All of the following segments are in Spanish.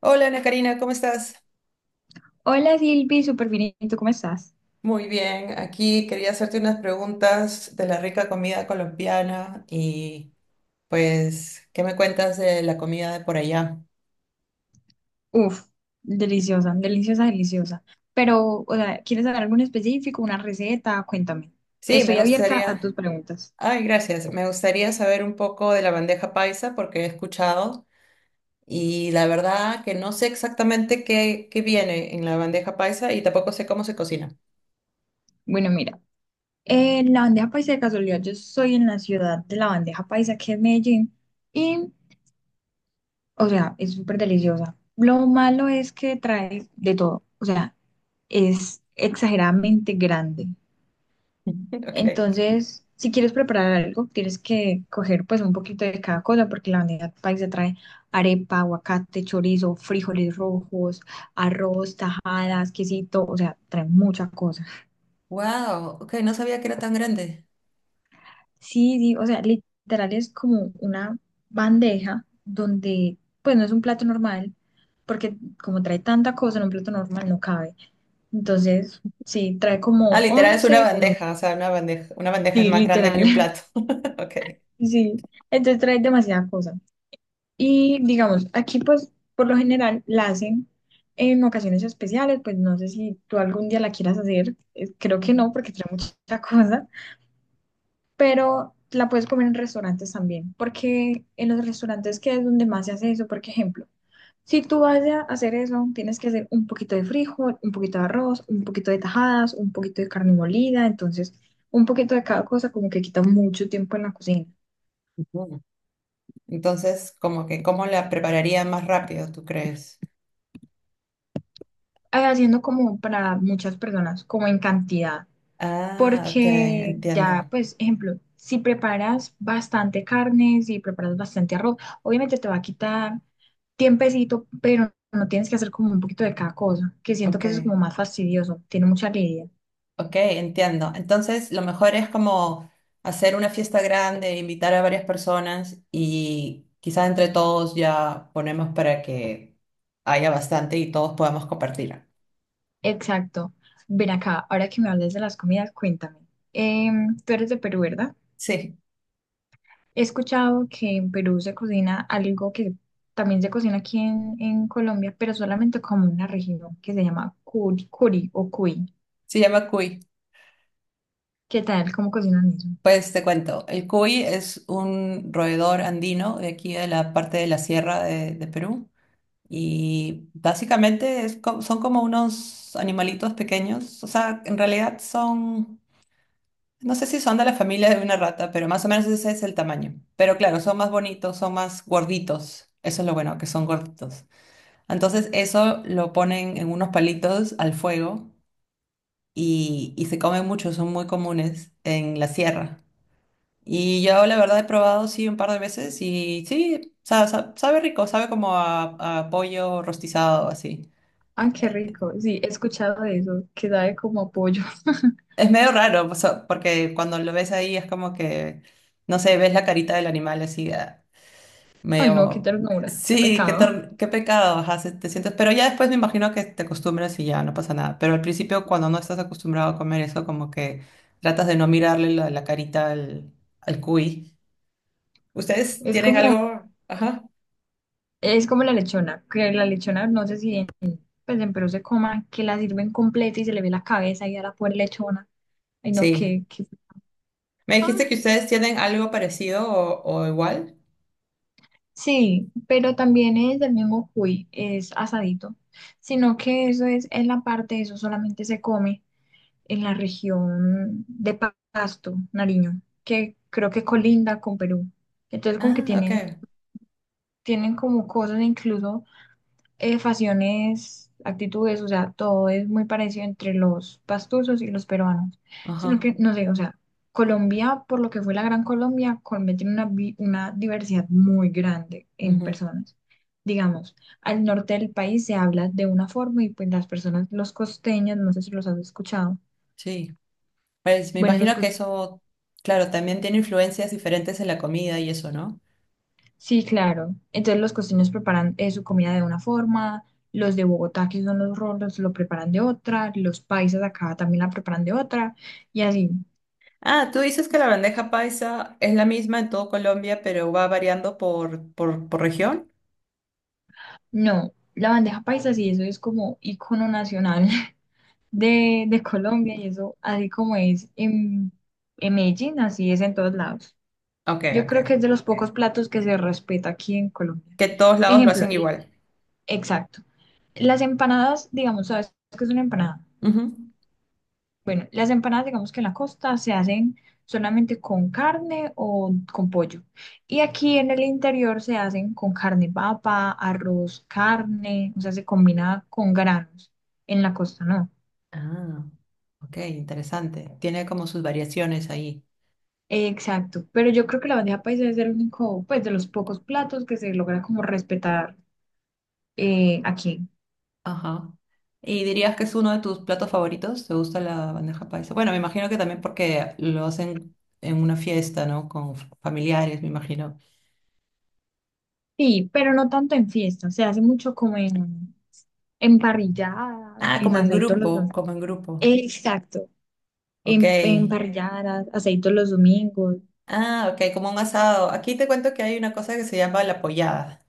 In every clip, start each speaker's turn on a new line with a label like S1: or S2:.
S1: Hola Ana Karina, ¿cómo estás?
S2: Hola Silvi, súper bien. ¿Y tú cómo estás?
S1: Muy bien, aquí quería hacerte unas preguntas de la rica comida colombiana y pues, ¿qué me cuentas de la comida de por allá?
S2: Uf, deliciosa, deliciosa, deliciosa. Pero, o sea, ¿quieres saber algo en específico, una receta? Cuéntame.
S1: Sí, me
S2: Estoy abierta a tus
S1: gustaría,
S2: preguntas.
S1: ay, gracias, me gustaría saber un poco de la bandeja paisa porque he escuchado. Y la verdad que no sé exactamente qué viene en la bandeja paisa y tampoco sé cómo se cocina.
S2: Bueno, mira, la bandeja paisa de casualidad, yo soy en la ciudad de la bandeja paisa, que es Medellín, y, o sea, es súper deliciosa. Lo malo es que trae de todo, o sea, es exageradamente grande.
S1: Ok.
S2: Entonces, si quieres preparar algo, tienes que coger pues un poquito de cada cosa, porque la bandeja paisa trae arepa, aguacate, chorizo, frijoles rojos, arroz, tajadas, quesito, o sea, trae mucha cosa.
S1: Wow, ok, no sabía que era tan grande.
S2: Sí, sí, o sea, literal es como una bandeja donde pues no es un plato normal, porque como trae tanta cosa en un plato normal no cabe. Entonces, sí, trae
S1: Ah,
S2: como
S1: literal es una
S2: 11 o 12,
S1: bandeja, o sea, una bandeja es
S2: sí,
S1: más grande que un
S2: literal,
S1: plato. Ok.
S2: sí, entonces trae demasiada cosa. Y digamos, aquí pues por lo general la hacen en ocasiones especiales, pues no sé si tú algún día la quieras hacer, creo que no porque trae mucha cosa, pero la puedes comer en restaurantes también, porque en los restaurantes que es donde más se hace eso, por ejemplo, si tú vas a hacer eso, tienes que hacer un poquito de frijol, un poquito de arroz, un poquito de tajadas, un poquito de carne molida, entonces un poquito de cada cosa como que quita mucho tiempo en la cocina,
S1: Ujú. Entonces, como que, ¿cómo la prepararía más rápido, tú crees?
S2: haciendo como para muchas personas, como en cantidad.
S1: Ah, ok,
S2: Porque
S1: entiendo.
S2: ya, pues, ejemplo, si preparas bastante carne, si preparas bastante arroz, obviamente te va a quitar tiempecito, pero no tienes que hacer como un poquito de cada cosa, que siento
S1: Ok,
S2: que eso es como más fastidioso, tiene mucha lidia.
S1: ok, entiendo. Entonces, lo mejor es como hacer una fiesta grande, invitar a varias personas y quizás entre todos ya ponemos para que haya bastante y todos podamos compartir.
S2: Exacto. Ven acá, ahora que me hables de las comidas, cuéntame. Tú eres de Perú, ¿verdad?
S1: Sí,
S2: He escuchado que en Perú se cocina algo que también se cocina aquí en Colombia, pero solamente como una región que se llama curi, o cuy.
S1: se llama cuy.
S2: ¿Qué tal? ¿Cómo cocinan eso?
S1: Pues te cuento, el cuy es un roedor andino de aquí de la parte de la sierra de Perú. Y básicamente son como unos animalitos pequeños, o sea, en realidad son, no sé si son de la familia de una rata, pero más o menos ese es el tamaño. Pero claro, son más bonitos, son más gorditos, eso es lo bueno, que son gorditos. Entonces eso lo ponen en unos palitos al fuego y se comen mucho, son muy comunes en la sierra. Y yo la verdad he probado sí un par de veces y sí, sabe rico, sabe como a pollo rostizado así.
S2: Ah, qué rico. Sí, he escuchado de eso, que sabe como a pollo.
S1: Es medio raro, o sea, porque cuando lo ves ahí es como que, no sé, ves la carita del animal así, ah,
S2: Ay, no, qué
S1: medio,
S2: ternura, qué
S1: sí,
S2: pecado.
S1: qué pecado, ajá, te sientes, pero ya después me imagino que te acostumbras y ya no pasa nada, pero al principio cuando no estás acostumbrado a comer eso, como que tratas de no mirarle la carita al cuy. ¿Ustedes
S2: Es
S1: tienen
S2: como,
S1: algo? Ajá.
S2: es como la lechona, que la lechona, no sé si en, pues en Perú se coma, que la sirven completa y se le ve la cabeza y a la pobre lechona. Ay, no,
S1: Sí.
S2: qué, qué-
S1: ¿Me dijiste que
S2: Ah,
S1: ustedes tienen algo parecido o igual?
S2: sí, pero también es del mismo cuy, es asadito, sino que eso es en la parte, eso solamente se come en la región de Pa- Pasto, Nariño, que creo que colinda con Perú. Entonces como que
S1: Ah, ok.
S2: tienen como cosas, incluso facciones, actitudes, o sea, todo es muy parecido entre los pastusos y los peruanos. Sino que,
S1: Ajá.
S2: no sé, o sea, Colombia, por lo que fue la Gran Colombia, Colombia tiene una, vi- una diversidad muy grande en
S1: Ujú.
S2: personas. Digamos, al norte del país se habla de una forma y pues las personas, los costeños, no sé si los has escuchado.
S1: Sí. Pues me
S2: Bueno, los,
S1: imagino que
S2: cos-
S1: eso, claro, también tiene influencias diferentes en la comida y eso, ¿no?
S2: Sí, claro. Entonces los costeños preparan su comida de una forma, los de Bogotá, que son los rolos, lo preparan de otra, los paisas acá también la preparan de otra, y así.
S1: Ah, tú dices que la bandeja paisa es la misma en todo Colombia, pero va variando por región.
S2: No, la bandeja paisa sí, eso es como icono nacional de Colombia, y eso así como es en Medellín, así es en todos lados.
S1: Ok,
S2: Yo
S1: ok.
S2: creo que es de los pocos platos que se respeta aquí en Colombia.
S1: Que todos lados lo
S2: Ejemplo,
S1: hacen
S2: el-
S1: igual.
S2: exacto. Las empanadas, digamos, ¿sabes qué es una empanada?
S1: Ujú.
S2: Bueno, las empanadas, digamos que en la costa se hacen solamente con carne o con pollo. Y aquí en el interior se hacen con carne papa, arroz, carne, o sea, se combina con granos. En la costa no.
S1: Ah, ok, interesante. Tiene como sus variaciones ahí.
S2: Exacto. Pero yo creo que la bandeja paisa es el único, pues, de los pocos platos que se logra como respetar aquí.
S1: Ajá. ¿Y dirías que es uno de tus platos favoritos? ¿Te gusta la bandeja paisa? Bueno, me imagino que también porque lo hacen en una fiesta, ¿no? Con familiares, me imagino.
S2: Sí, pero no tanto en fiestas. Se hace mucho como en parrilladas,
S1: Ah,
S2: en
S1: como en
S2: aceitos los dos.
S1: grupo, como en grupo.
S2: Exacto.
S1: Ok.
S2: En parrilladas, aceitos los domingos.
S1: Ah, ok, como un asado. Aquí te cuento que hay una cosa que se llama la pollada,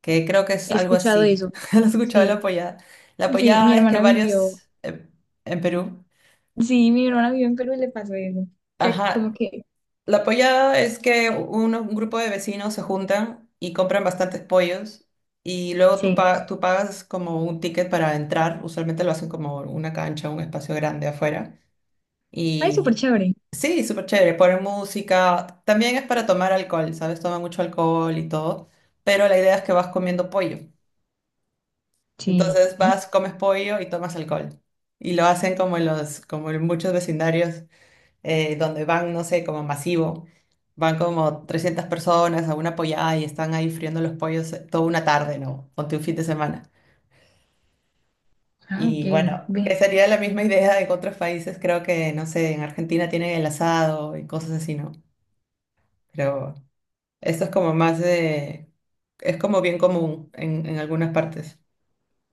S1: que creo que es
S2: He
S1: algo
S2: escuchado
S1: así.
S2: eso.
S1: ¿Has escuchado la
S2: Sí,
S1: pollada? La
S2: sí,
S1: pollada es que varios, en Perú,
S2: sí, mi hermana vivió en Perú y le pasó eso. Que como
S1: ajá,
S2: que,
S1: la pollada es que un grupo de vecinos se juntan y compran bastantes pollos y luego tú,
S2: sí,
S1: pa- tú pagas como un ticket para entrar, usualmente lo hacen como una cancha, un espacio grande afuera.
S2: ay, súper
S1: Y
S2: chévere.
S1: sí, súper chévere, poner música. También es para tomar alcohol, ¿sabes? Toma mucho alcohol y todo. Pero la idea es que vas comiendo pollo.
S2: Sí.
S1: Entonces vas, comes pollo y tomas alcohol. Y lo hacen como en los, como en muchos vecindarios donde van, no sé, como masivo. Van como 300 personas a una pollada y están ahí friendo los pollos toda una tarde, ¿no? Ponte un fin de semana.
S2: Ah, ok,
S1: Y bueno,
S2: ve.
S1: que sería la misma idea en otros países. Creo que, no sé, en Argentina tienen el asado y cosas así, ¿no? Pero esto es como más de. Es como bien común en algunas partes.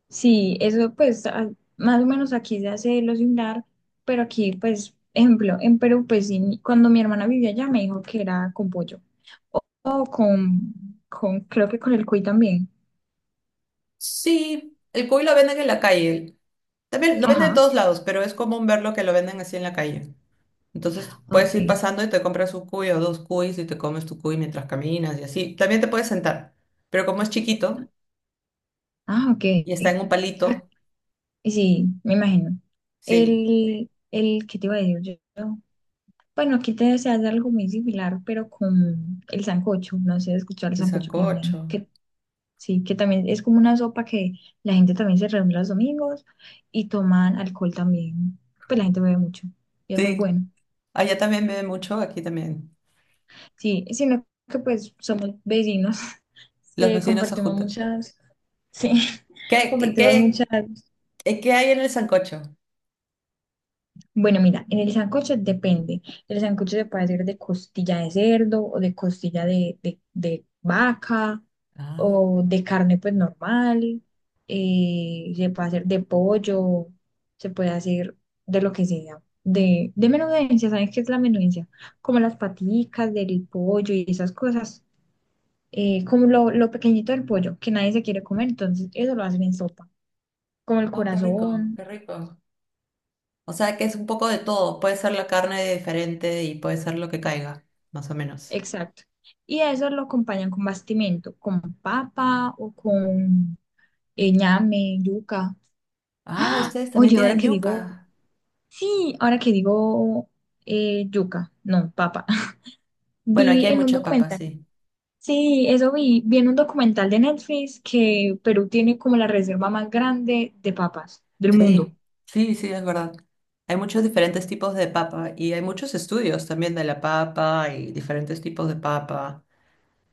S2: Sí, eso pues a- más o menos aquí se hace lo similar, pero aquí pues, ejemplo, en Perú pues sí, mi- cuando mi hermana vivía allá me dijo que era con pollo o con, creo que con el cuy también.
S1: Sí, el cuy lo venden en la calle. También lo venden de
S2: Ajá,
S1: todos lados, pero es común verlo que lo venden así en la calle. Entonces puedes ir
S2: ok.
S1: pasando y te compras un cuy o dos cuys y te comes tu cuy mientras caminas y así. También te puedes sentar, pero como es chiquito
S2: Ah, ok.
S1: y está en un palito,
S2: Sí, me imagino.
S1: sí,
S2: ¿Qué te iba a decir yo? Bueno, aquí te se hace algo muy similar, pero con el sancocho. No sé, escuchar el
S1: el
S2: sancocho colombiano.
S1: sancocho.
S2: Que, sí, que también es como una sopa que la gente también se reúne los domingos y toman alcohol también. Pues la gente bebe mucho y es muy
S1: Sí,
S2: bueno.
S1: allá también beben mucho, aquí también.
S2: Sí, sino que pues somos vecinos,
S1: Los
S2: se
S1: vecinos se
S2: compartimos
S1: juntan.
S2: muchas, sí,
S1: ¿Qué, qué,
S2: compartimos muchas.
S1: qué, qué hay en el sancocho?
S2: Bueno, mira, en el sancocho depende. El sancocho se puede hacer de costilla de cerdo o de costilla de vaca
S1: Ah.
S2: o de carne pues normal. Se puede hacer de pollo, se puede hacer de lo que sea. De menudencia, ¿sabes qué es la menudencia? Como las paticas del pollo y esas cosas. Como lo pequeñito del pollo que nadie se quiere comer, entonces eso lo hacen en sopa. Como el
S1: Oh, qué rico,
S2: corazón.
S1: qué rico. O sea que es un poco de todo. Puede ser la carne diferente y puede ser lo que caiga, más o menos.
S2: Exacto. Y eso lo acompañan con bastimento, con papa o con ñame, yuca.
S1: Ah, ustedes también
S2: Oye,
S1: tienen yuca.
S2: sí, ahora que digo yuca, no, papa.
S1: Bueno, aquí
S2: Vi
S1: hay
S2: en un
S1: mucha papa,
S2: documental,
S1: sí.
S2: sí, eso vi, vi en un documental de Netflix que Perú tiene como la reserva más grande de papas del mundo.
S1: Sí, sí, sí, es verdad. Hay muchos diferentes tipos de papa y hay muchos estudios también de la papa y diferentes tipos de papa.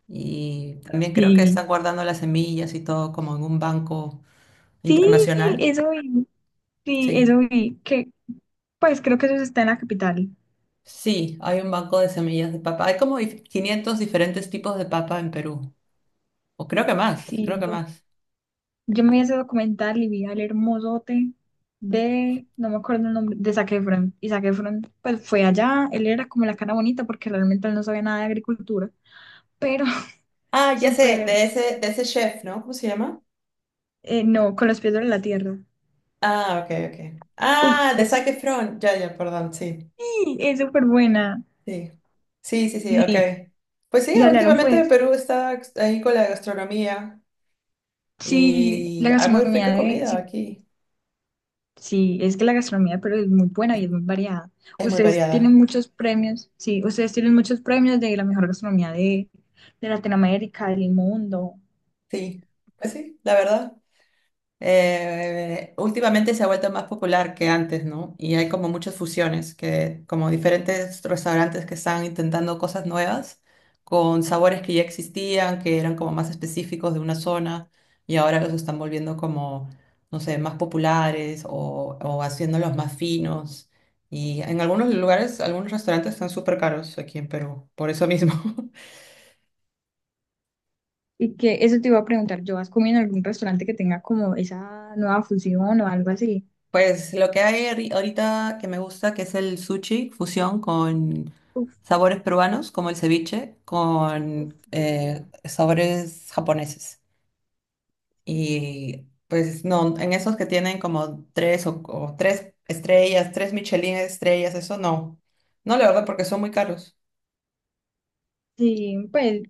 S1: Y también creo que están
S2: Sí.
S1: guardando las semillas y todo como en un banco
S2: Sí,
S1: internacional.
S2: eso vi, sí,
S1: Sí.
S2: eso vi, que pues creo que eso está en la capital.
S1: Sí, hay un banco de semillas de papa. Hay como 500 diferentes tipos de papa en Perú. O creo que más, creo
S2: Sí,
S1: que más.
S2: yo me vi ese documental y vi al hermosote de, no me acuerdo el nombre, de Zac Efron. Y Zac Efron, pues fue allá, él era como la cara bonita porque realmente él no sabía nada de agricultura, pero
S1: Ah, ya sé,
S2: súper,
S1: de ese chef, ¿no? ¿Cómo se llama?
S2: no, con los pies sobre la tierra.
S1: Ah, ok, ok.
S2: Uf,
S1: Ah, de Zac
S2: es,
S1: Efron. Ya, ya, perdón, sí.
S2: sí, es súper buena.
S1: Sí, sí, sí, sí,
S2: Y,
S1: ok. Pues sí,
S2: y hablaron
S1: últimamente
S2: pues,
S1: Perú está ahí con la gastronomía
S2: sí,
S1: y
S2: la
S1: hay muy
S2: gastronomía
S1: rica
S2: de,
S1: comida
S2: sí,
S1: aquí.
S2: sí, es que la gastronomía pero es muy buena y es muy variada.
S1: Es muy
S2: Ustedes tienen
S1: variada.
S2: muchos premios, sí, ustedes tienen muchos premios de la mejor gastronomía de Latinoamérica, del mundo.
S1: Sí, pues sí, la verdad. Últimamente se ha vuelto más popular que antes, ¿no? Y hay como muchas fusiones, que, como diferentes restaurantes que están intentando cosas nuevas con sabores que ya existían, que eran como más específicos de una zona y ahora los están volviendo como, no sé, más populares o haciéndolos más finos. Y en algunos lugares, algunos restaurantes están súper caros aquí en Perú, por eso mismo.
S2: Y que eso te iba a preguntar, ¿yo has comido en algún restaurante que tenga como esa nueva fusión o algo así?
S1: Pues lo que hay ahorita que me gusta, que es el sushi fusión con
S2: Uf,
S1: sabores peruanos, como el ceviche,
S2: uf,
S1: con
S2: delicioso.
S1: sabores japoneses.
S2: Sí,
S1: Y pues no, en esos que tienen como tres o tres estrellas, tres Michelin estrellas, eso no. No, la verdad, porque son muy caros.
S2: sí, pues,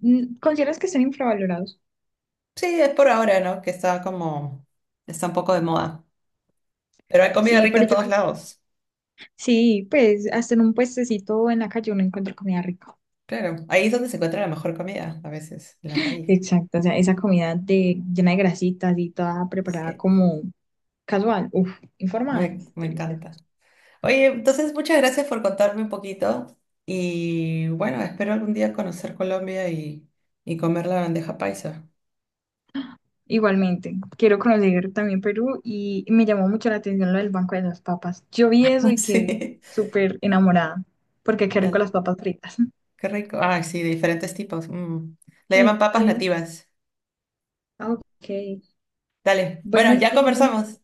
S2: mm, ¿consideras que están infravalorados?
S1: Sí, es por ahora, ¿no? Que está como, está un poco de moda. Pero hay comida
S2: Sí,
S1: rica
S2: pero
S1: en
S2: yo
S1: todos
S2: creo,
S1: lados.
S2: sí, pues hasta en un puestecito en la calle uno encuentra comida rica.
S1: Claro, ahí es donde se encuentra la mejor comida, a veces, en la calle.
S2: Exacto, o sea, esa comida de, llena de grasitas y toda preparada
S1: Sí.
S2: como casual, uff, informal,
S1: Me
S2: delicioso.
S1: encanta. Oye, entonces muchas gracias por contarme un poquito y bueno, espero algún día conocer Colombia y comer la bandeja paisa.
S2: Igualmente, quiero conocer también Perú y me llamó mucho la atención lo del Banco de las Papas. Yo vi eso y quedé
S1: Sí,
S2: súper enamorada, porque qué rico
S1: dale,
S2: las papas fritas.
S1: qué rico. Ay, sí, de diferentes tipos. Mm. Le llaman
S2: Sí.
S1: papas
S2: Sí.
S1: nativas.
S2: Ah, ok.
S1: Dale,
S2: Bueno,
S1: bueno, ya
S2: Silvi,
S1: conversamos.